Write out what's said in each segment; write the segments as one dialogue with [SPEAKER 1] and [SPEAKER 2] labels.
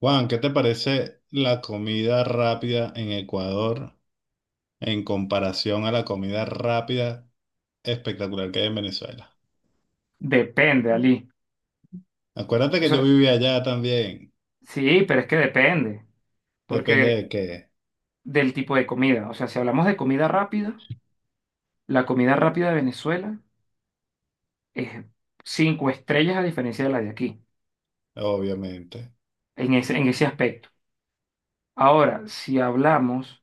[SPEAKER 1] Juan, ¿qué te parece la comida rápida en Ecuador en comparación a la comida rápida espectacular que hay en Venezuela?
[SPEAKER 2] Depende, Ali.
[SPEAKER 1] Acuérdate que
[SPEAKER 2] Eso,
[SPEAKER 1] yo vivía allá también.
[SPEAKER 2] sí, pero es que depende,
[SPEAKER 1] Depende de
[SPEAKER 2] porque
[SPEAKER 1] qué,
[SPEAKER 2] del tipo de comida. O sea, si hablamos de comida rápida, la comida rápida de Venezuela es cinco estrellas a diferencia de la de aquí,
[SPEAKER 1] obviamente.
[SPEAKER 2] en ese aspecto. Ahora, si hablamos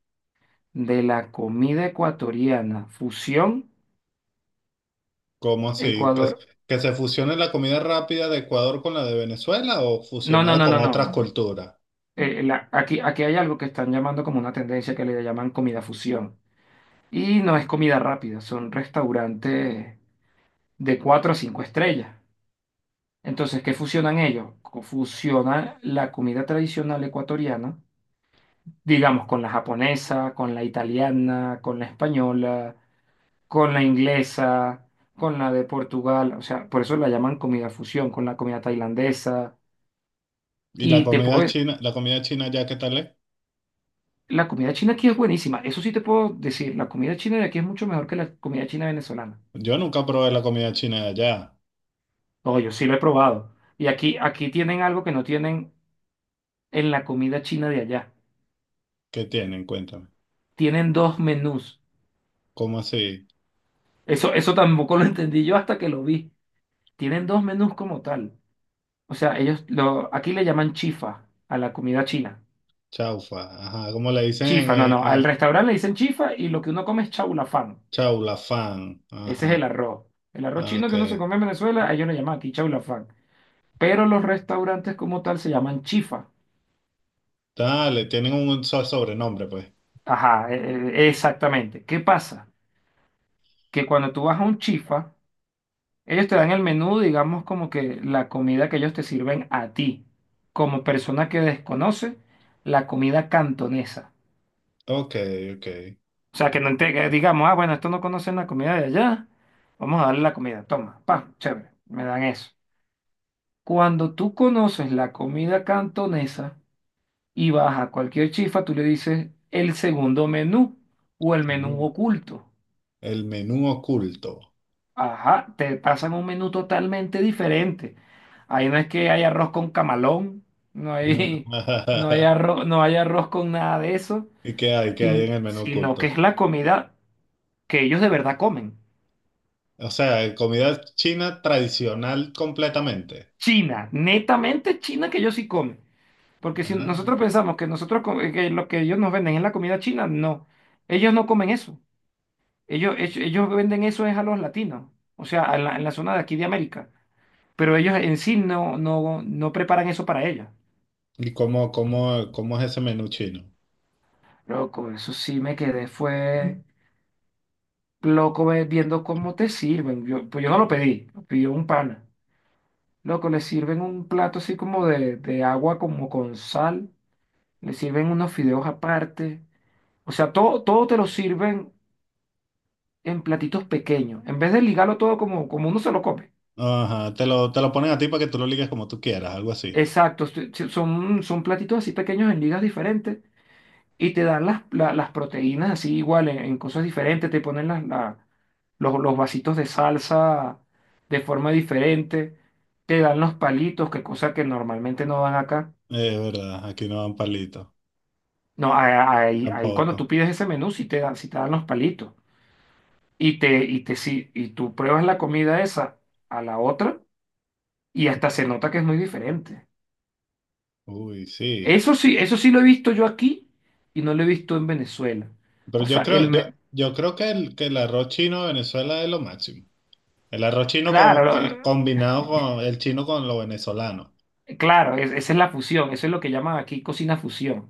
[SPEAKER 2] de la comida ecuatoriana, fusión,
[SPEAKER 1] ¿Cómo así?
[SPEAKER 2] Ecuador.
[SPEAKER 1] ¿Que se fusione la comida rápida de Ecuador con la de Venezuela o
[SPEAKER 2] No, no,
[SPEAKER 1] fusionada
[SPEAKER 2] no,
[SPEAKER 1] con
[SPEAKER 2] no,
[SPEAKER 1] otras
[SPEAKER 2] no.
[SPEAKER 1] culturas?
[SPEAKER 2] Aquí hay algo que están llamando como una tendencia que le llaman comida fusión. Y no es comida rápida, son restaurantes de 4 a 5 estrellas. Entonces, ¿qué fusionan ellos? Fusionan la comida tradicional ecuatoriana, digamos, con la japonesa, con la italiana, con la española, con la inglesa, con la de Portugal, o sea, por eso la llaman comida fusión, con la comida tailandesa.
[SPEAKER 1] ¿Y
[SPEAKER 2] Y te puedo,
[SPEAKER 1] la comida china allá qué tal es?
[SPEAKER 2] la comida china aquí es buenísima, eso sí te puedo decir, la comida china de aquí es mucho mejor que la comida china venezolana.
[SPEAKER 1] Yo nunca probé la comida china de allá.
[SPEAKER 2] No, yo sí lo he probado. Y aquí tienen algo que no tienen en la comida china de allá.
[SPEAKER 1] ¿Qué tienen? Cuéntame.
[SPEAKER 2] Tienen dos menús.
[SPEAKER 1] ¿Cómo así?
[SPEAKER 2] Eso tampoco lo entendí yo hasta que lo vi. Tienen dos menús como tal. O sea, ellos lo, aquí le llaman chifa a la comida china.
[SPEAKER 1] Chaufa. Ajá, como le dicen
[SPEAKER 2] Chifa, no, no. Al
[SPEAKER 1] en-
[SPEAKER 2] restaurante le dicen chifa y lo que uno come es chaulafán.
[SPEAKER 1] Chau, la fan.
[SPEAKER 2] Ese es
[SPEAKER 1] Ajá.
[SPEAKER 2] el arroz. El arroz
[SPEAKER 1] Ah,
[SPEAKER 2] chino
[SPEAKER 1] ok.
[SPEAKER 2] que uno se come en Venezuela, a ellos le llaman aquí chaulafán. Pero los restaurantes como tal se llaman chifa.
[SPEAKER 1] Dale, tienen un sobrenombre, pues.
[SPEAKER 2] Ajá, exactamente. ¿Qué pasa? Que cuando tú vas a un chifa, ellos te dan el menú, digamos, como que la comida que ellos te sirven a ti, como persona que desconoce la comida cantonesa.
[SPEAKER 1] Ok, ok.
[SPEAKER 2] O sea, que no te, que digamos, ah, bueno, esto no conocen la comida de allá, vamos a darle la comida, toma, pa, chévere, me dan eso. Cuando tú conoces la comida cantonesa y vas a cualquier chifa, tú le dices el segundo menú o el menú
[SPEAKER 1] Ujú.
[SPEAKER 2] oculto.
[SPEAKER 1] El menú oculto.
[SPEAKER 2] Ajá, te pasan un menú totalmente diferente. Ahí no es que hay arroz con camalón, no hay, no hay
[SPEAKER 1] Ah,
[SPEAKER 2] arroz, no hay arroz con nada de eso,
[SPEAKER 1] ¿Y qué hay? ¿Qué hay en el menú
[SPEAKER 2] sino que
[SPEAKER 1] oculto?
[SPEAKER 2] es la comida que ellos de verdad comen.
[SPEAKER 1] O sea, comida china tradicional completamente.
[SPEAKER 2] China, netamente china que ellos sí comen. Porque si
[SPEAKER 1] Ah.
[SPEAKER 2] nosotros pensamos que nosotros que lo que ellos nos venden es la comida china, no. Ellos no comen eso. Ellos venden eso es a los latinos, o sea, en la zona de aquí de América. Pero ellos en sí no, no, no preparan eso para ellos.
[SPEAKER 1] ¿Y cómo, cómo, cómo es ese menú chino?
[SPEAKER 2] Loco, eso sí me quedé, fue loco viendo cómo te sirven. Pues yo no lo pedí, lo pidió un pana. Loco, le sirven un plato así como de agua, como con sal. Le sirven unos fideos aparte. O sea, todo te lo sirven en platitos pequeños. En vez de ligarlo todo como uno se lo come.
[SPEAKER 1] Ajá, te lo ponen a ti para que tú lo ligues como tú quieras, algo así.
[SPEAKER 2] Exacto, sí, son platitos así pequeños en ligas diferentes. Y te dan las proteínas así igual en cosas diferentes, te ponen los vasitos de salsa de forma diferente, te dan los palitos, que cosa que normalmente no dan acá.
[SPEAKER 1] Es verdad, aquí no dan palitos.
[SPEAKER 2] No, a- a-
[SPEAKER 1] Aquí
[SPEAKER 2] ahí, ahí cuando
[SPEAKER 1] tampoco.
[SPEAKER 2] tú pides ese menú, si te dan, sí te dan los palitos. Y te, si y tú pruebas la comida esa a la otra y hasta se nota que es muy diferente.
[SPEAKER 1] Uy, sí.
[SPEAKER 2] Eso sí lo he visto yo aquí y no lo he visto en Venezuela.
[SPEAKER 1] Pero
[SPEAKER 2] O
[SPEAKER 1] yo
[SPEAKER 2] sea,
[SPEAKER 1] creo, yo creo que que el arroz chino de Venezuela es lo máximo. El arroz chino
[SPEAKER 2] claro,
[SPEAKER 1] combinado con el chino con lo venezolano.
[SPEAKER 2] Claro, esa es la fusión, eso es lo que llaman aquí cocina fusión.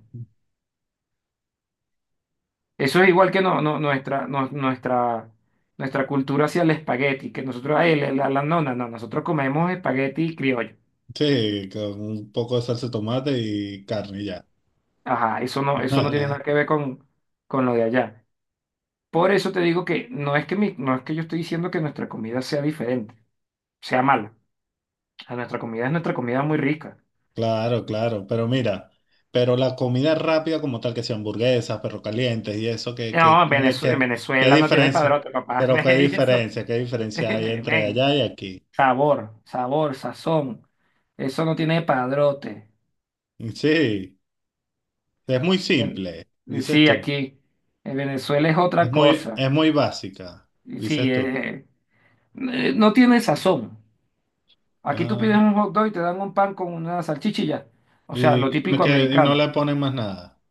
[SPEAKER 2] Eso es igual que nuestra cultura hacia el espagueti, que nosotros, ay, la- la- no, no, no, nosotros comemos espagueti criollo.
[SPEAKER 1] Sí, con un poco de salsa de tomate y carne y ya.
[SPEAKER 2] Ajá, eso no tiene nada que ver con lo de allá. Por eso te digo que no es que yo estoy diciendo que nuestra comida sea diferente, sea mala. A nuestra comida es nuestra comida muy rica.
[SPEAKER 1] Claro, claro. Pero mira, pero la comida rápida como tal, que sea hamburguesas, perro calientes y eso,
[SPEAKER 2] No, en
[SPEAKER 1] qué qué
[SPEAKER 2] Venezuela no tiene
[SPEAKER 1] diferencia.
[SPEAKER 2] padrote, papá.
[SPEAKER 1] Pero
[SPEAKER 2] Eso,
[SPEAKER 1] qué diferencia hay entre
[SPEAKER 2] ven.
[SPEAKER 1] allá y aquí.
[SPEAKER 2] Sabor, sabor, sazón. Eso no tiene padrote.
[SPEAKER 1] Sí, es muy
[SPEAKER 2] Ven-
[SPEAKER 1] simple, dices
[SPEAKER 2] sí,
[SPEAKER 1] tú.
[SPEAKER 2] aquí. En Venezuela es otra cosa.
[SPEAKER 1] Es muy básica,
[SPEAKER 2] Y
[SPEAKER 1] dices
[SPEAKER 2] sí,
[SPEAKER 1] tú.
[SPEAKER 2] no tiene sazón. Aquí tú
[SPEAKER 1] Ah,
[SPEAKER 2] pides un hot dog y te dan un pan con una salchicha. O sea, lo
[SPEAKER 1] y no
[SPEAKER 2] típico
[SPEAKER 1] que, y no
[SPEAKER 2] americano.
[SPEAKER 1] le ponen más nada.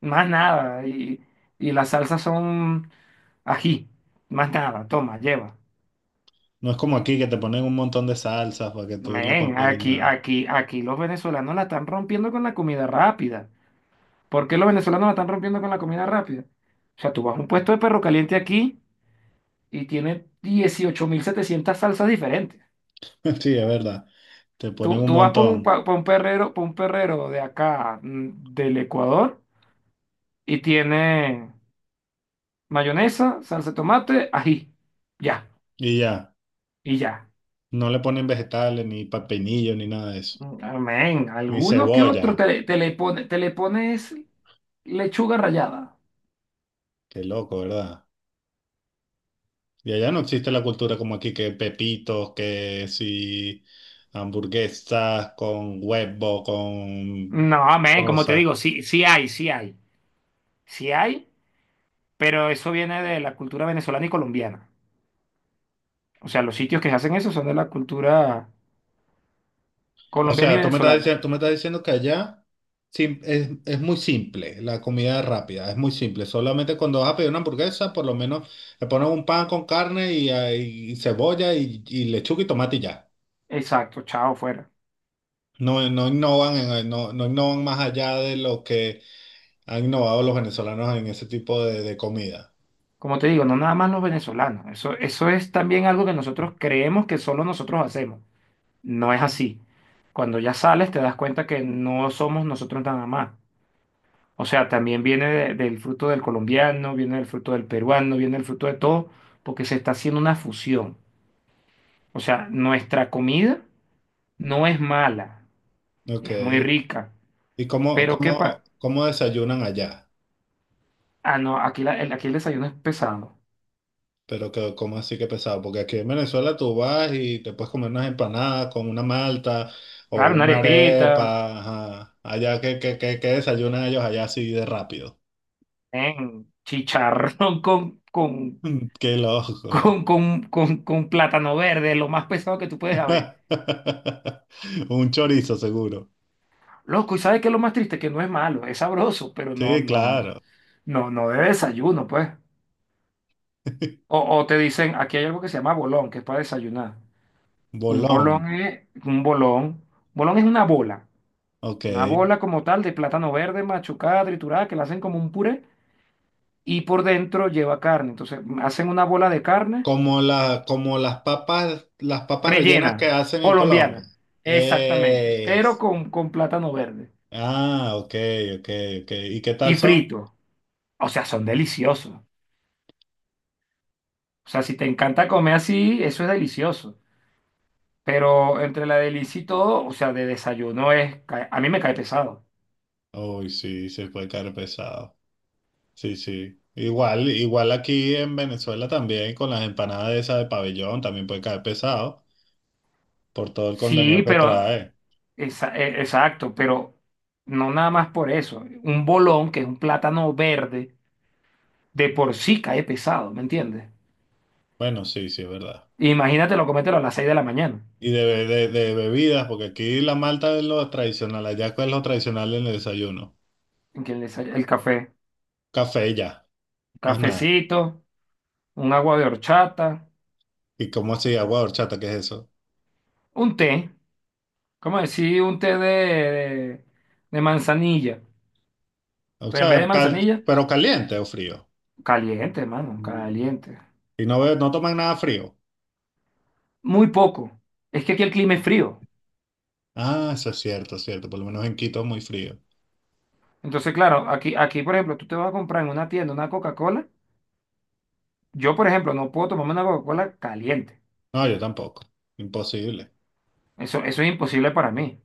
[SPEAKER 2] Más nada. Y las salsas son ají. Más nada. Toma, lleva.
[SPEAKER 1] No es como aquí que te ponen un montón de salsas para que tú lo
[SPEAKER 2] Men,
[SPEAKER 1] combines
[SPEAKER 2] aquí,
[SPEAKER 1] nada.
[SPEAKER 2] aquí, aquí los venezolanos la están rompiendo con la comida rápida. ¿Por qué los venezolanos la están rompiendo con la comida rápida? O sea, tú vas a un puesto de perro caliente aquí y tiene 18.700 salsas diferentes.
[SPEAKER 1] Sí, es verdad. Te ponen
[SPEAKER 2] Tú,
[SPEAKER 1] un
[SPEAKER 2] tú vas
[SPEAKER 1] montón
[SPEAKER 2] por un perrero de acá, del Ecuador, y tiene mayonesa, salsa de tomate, ají. Ya,
[SPEAKER 1] y ya.
[SPEAKER 2] y ya.
[SPEAKER 1] No le ponen vegetales, ni pepinillo, ni nada de eso.
[SPEAKER 2] Mm, amén.
[SPEAKER 1] Ni
[SPEAKER 2] Alguno que
[SPEAKER 1] cebolla.
[SPEAKER 2] otro te le pones lechuga rallada.
[SPEAKER 1] Qué loco, ¿verdad? Y allá no existe la cultura como aquí que pepitos, que si hamburguesas con huevo, con
[SPEAKER 2] No, amén, como te
[SPEAKER 1] cosas.
[SPEAKER 2] digo, sí hay. Sí hay, pero eso viene de la cultura venezolana y colombiana. O sea, los sitios que hacen eso son de la cultura
[SPEAKER 1] O
[SPEAKER 2] colombiana y
[SPEAKER 1] sea, tú me estás
[SPEAKER 2] venezolana.
[SPEAKER 1] diciendo, tú me estás diciendo que allá es muy simple, la comida rápida, es muy simple. Solamente cuando vas a pedir una hamburguesa, por lo menos le pones un pan con carne y, ah, y cebolla y lechuga y tomate y ya.
[SPEAKER 2] Exacto, chao, fuera.
[SPEAKER 1] No, no innovan no, no innovan más allá de lo que han innovado los venezolanos en ese tipo de comida.
[SPEAKER 2] Como te digo, no nada más los venezolanos. Eso es también algo que nosotros creemos que solo nosotros hacemos. No es así. Cuando ya sales te das cuenta que no somos nosotros nada más. O sea, también viene del fruto del colombiano, viene del fruto del peruano, viene del fruto de todo, porque se está haciendo una fusión. O sea, nuestra comida no es mala,
[SPEAKER 1] Ok.
[SPEAKER 2] es muy rica.
[SPEAKER 1] ¿Y cómo,
[SPEAKER 2] Pero ¿qué
[SPEAKER 1] cómo,
[SPEAKER 2] pasa?
[SPEAKER 1] cómo desayunan allá?
[SPEAKER 2] Ah, no, aquí el desayuno es pesado.
[SPEAKER 1] Pero que, ¿cómo así que pesado? Porque aquí en Venezuela tú vas y te puedes comer unas empanadas con una malta o
[SPEAKER 2] Claro, una
[SPEAKER 1] una
[SPEAKER 2] arepita,
[SPEAKER 1] arepa. Ajá. Allá que desayunan ellos allá así de rápido.
[SPEAKER 2] ven, chicharrón con, con,
[SPEAKER 1] Mm, qué loco.
[SPEAKER 2] con, con, con, con plátano verde, lo más pesado que tú puedes haber.
[SPEAKER 1] Un chorizo seguro.
[SPEAKER 2] Loco, ¿y sabes qué es lo más triste? Que no es malo, es sabroso, pero no,
[SPEAKER 1] Sí,
[SPEAKER 2] no,
[SPEAKER 1] claro.
[SPEAKER 2] no, no de desayuno, pues. O te dicen, aquí hay algo que se llama bolón, que es para desayunar. Un
[SPEAKER 1] Bolón.
[SPEAKER 2] bolón es un bolón. Bolón es una bola.
[SPEAKER 1] Ok.
[SPEAKER 2] Una bola como tal de plátano verde, machucada, triturada, que la hacen como un puré y por dentro lleva carne. Entonces hacen una bola de carne
[SPEAKER 1] Como la, como las papas rellenas que
[SPEAKER 2] rellena,
[SPEAKER 1] hacen en Colombia.
[SPEAKER 2] colombiana, exactamente, pero
[SPEAKER 1] Es.
[SPEAKER 2] con plátano verde
[SPEAKER 1] Ah, ok, ok, ok. ¿Y qué
[SPEAKER 2] y
[SPEAKER 1] tal son?
[SPEAKER 2] frito. O sea, son deliciosos. O sea, si te encanta comer así, eso es delicioso. Pero entre la delicia y todo, o sea, de desayuno es, a mí me cae pesado.
[SPEAKER 1] Uy, sí, se puede caer pesado. Sí, sí. Igual, igual aquí en Venezuela también con las empanadas esas de pabellón también puede caer pesado por todo el contenido
[SPEAKER 2] Sí,
[SPEAKER 1] que
[SPEAKER 2] pero,
[SPEAKER 1] trae.
[SPEAKER 2] exacto, pero no nada más por eso. Un bolón, que es un plátano verde, de por sí cae pesado, ¿me entiendes?
[SPEAKER 1] Bueno, sí, sí, es verdad.
[SPEAKER 2] Imagínate lo comételo a las 6 de la mañana.
[SPEAKER 1] Y de, de bebidas, porque aquí la malta es lo tradicional, allá cuál es lo tradicional en el desayuno.
[SPEAKER 2] El café,
[SPEAKER 1] Café y ya, más nada.
[SPEAKER 2] cafecito, un agua de horchata,
[SPEAKER 1] ¿Y cómo así? Agua de horchata, ¿qué es eso?
[SPEAKER 2] un té, como decir? Un té de manzanilla,
[SPEAKER 1] O
[SPEAKER 2] pero en vez
[SPEAKER 1] sea,
[SPEAKER 2] de manzanilla,
[SPEAKER 1] pero caliente o frío.
[SPEAKER 2] caliente, mano
[SPEAKER 1] Mm.
[SPEAKER 2] caliente.
[SPEAKER 1] Y no, no toman nada frío.
[SPEAKER 2] Muy poco. Es que aquí el clima es frío.
[SPEAKER 1] Ah, eso es cierto, es cierto. Por lo menos en Quito es muy frío.
[SPEAKER 2] Entonces, claro, aquí, por ejemplo, tú te vas a comprar en una tienda una Coca-Cola. Yo, por ejemplo, no puedo tomarme una Coca-Cola caliente.
[SPEAKER 1] No, yo tampoco. Imposible.
[SPEAKER 2] Eso es imposible para mí.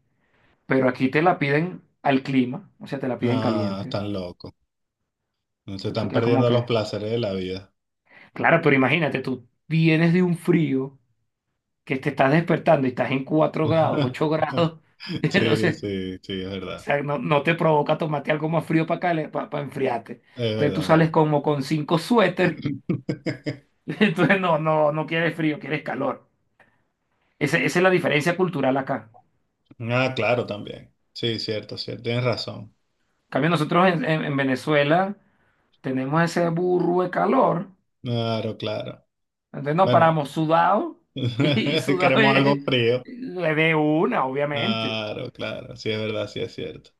[SPEAKER 2] Pero aquí te la piden al clima, o sea, te la piden
[SPEAKER 1] Ah,
[SPEAKER 2] caliente.
[SPEAKER 1] están locos. Se
[SPEAKER 2] Tú
[SPEAKER 1] están
[SPEAKER 2] quedas como
[SPEAKER 1] perdiendo los
[SPEAKER 2] que...
[SPEAKER 1] placeres de la vida.
[SPEAKER 2] Claro, pero imagínate, tú vienes de un frío que te estás despertando y estás en 4 grados, 8 grados.
[SPEAKER 1] Sí,
[SPEAKER 2] Entonces,
[SPEAKER 1] sí, sí, es
[SPEAKER 2] o
[SPEAKER 1] verdad.
[SPEAKER 2] sea, no te provoca tomarte algo más frío para acá, para enfriarte.
[SPEAKER 1] Es
[SPEAKER 2] Entonces tú
[SPEAKER 1] verdad, es
[SPEAKER 2] sales como con cinco suéter.
[SPEAKER 1] verdad.
[SPEAKER 2] Entonces no quieres frío, quieres calor. Esa es la diferencia cultural acá.
[SPEAKER 1] Ah, claro, también. Sí, cierto, cierto. Tienes razón.
[SPEAKER 2] En cambio, nosotros en Venezuela tenemos ese burro de calor.
[SPEAKER 1] Claro, claro.
[SPEAKER 2] Entonces nos
[SPEAKER 1] Bueno,
[SPEAKER 2] paramos sudado y sudado
[SPEAKER 1] queremos algo
[SPEAKER 2] es-
[SPEAKER 1] frío.
[SPEAKER 2] de una, obviamente.
[SPEAKER 1] Claro, claro. Sí, es verdad, sí, es cierto.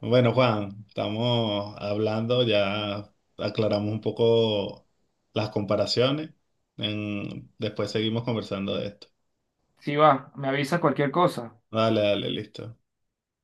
[SPEAKER 1] Bueno, Juan, estamos hablando, ya aclaramos un poco las comparaciones. Después seguimos conversando de esto.
[SPEAKER 2] Sí va, me avisa cualquier cosa.
[SPEAKER 1] Dale, dale, listo.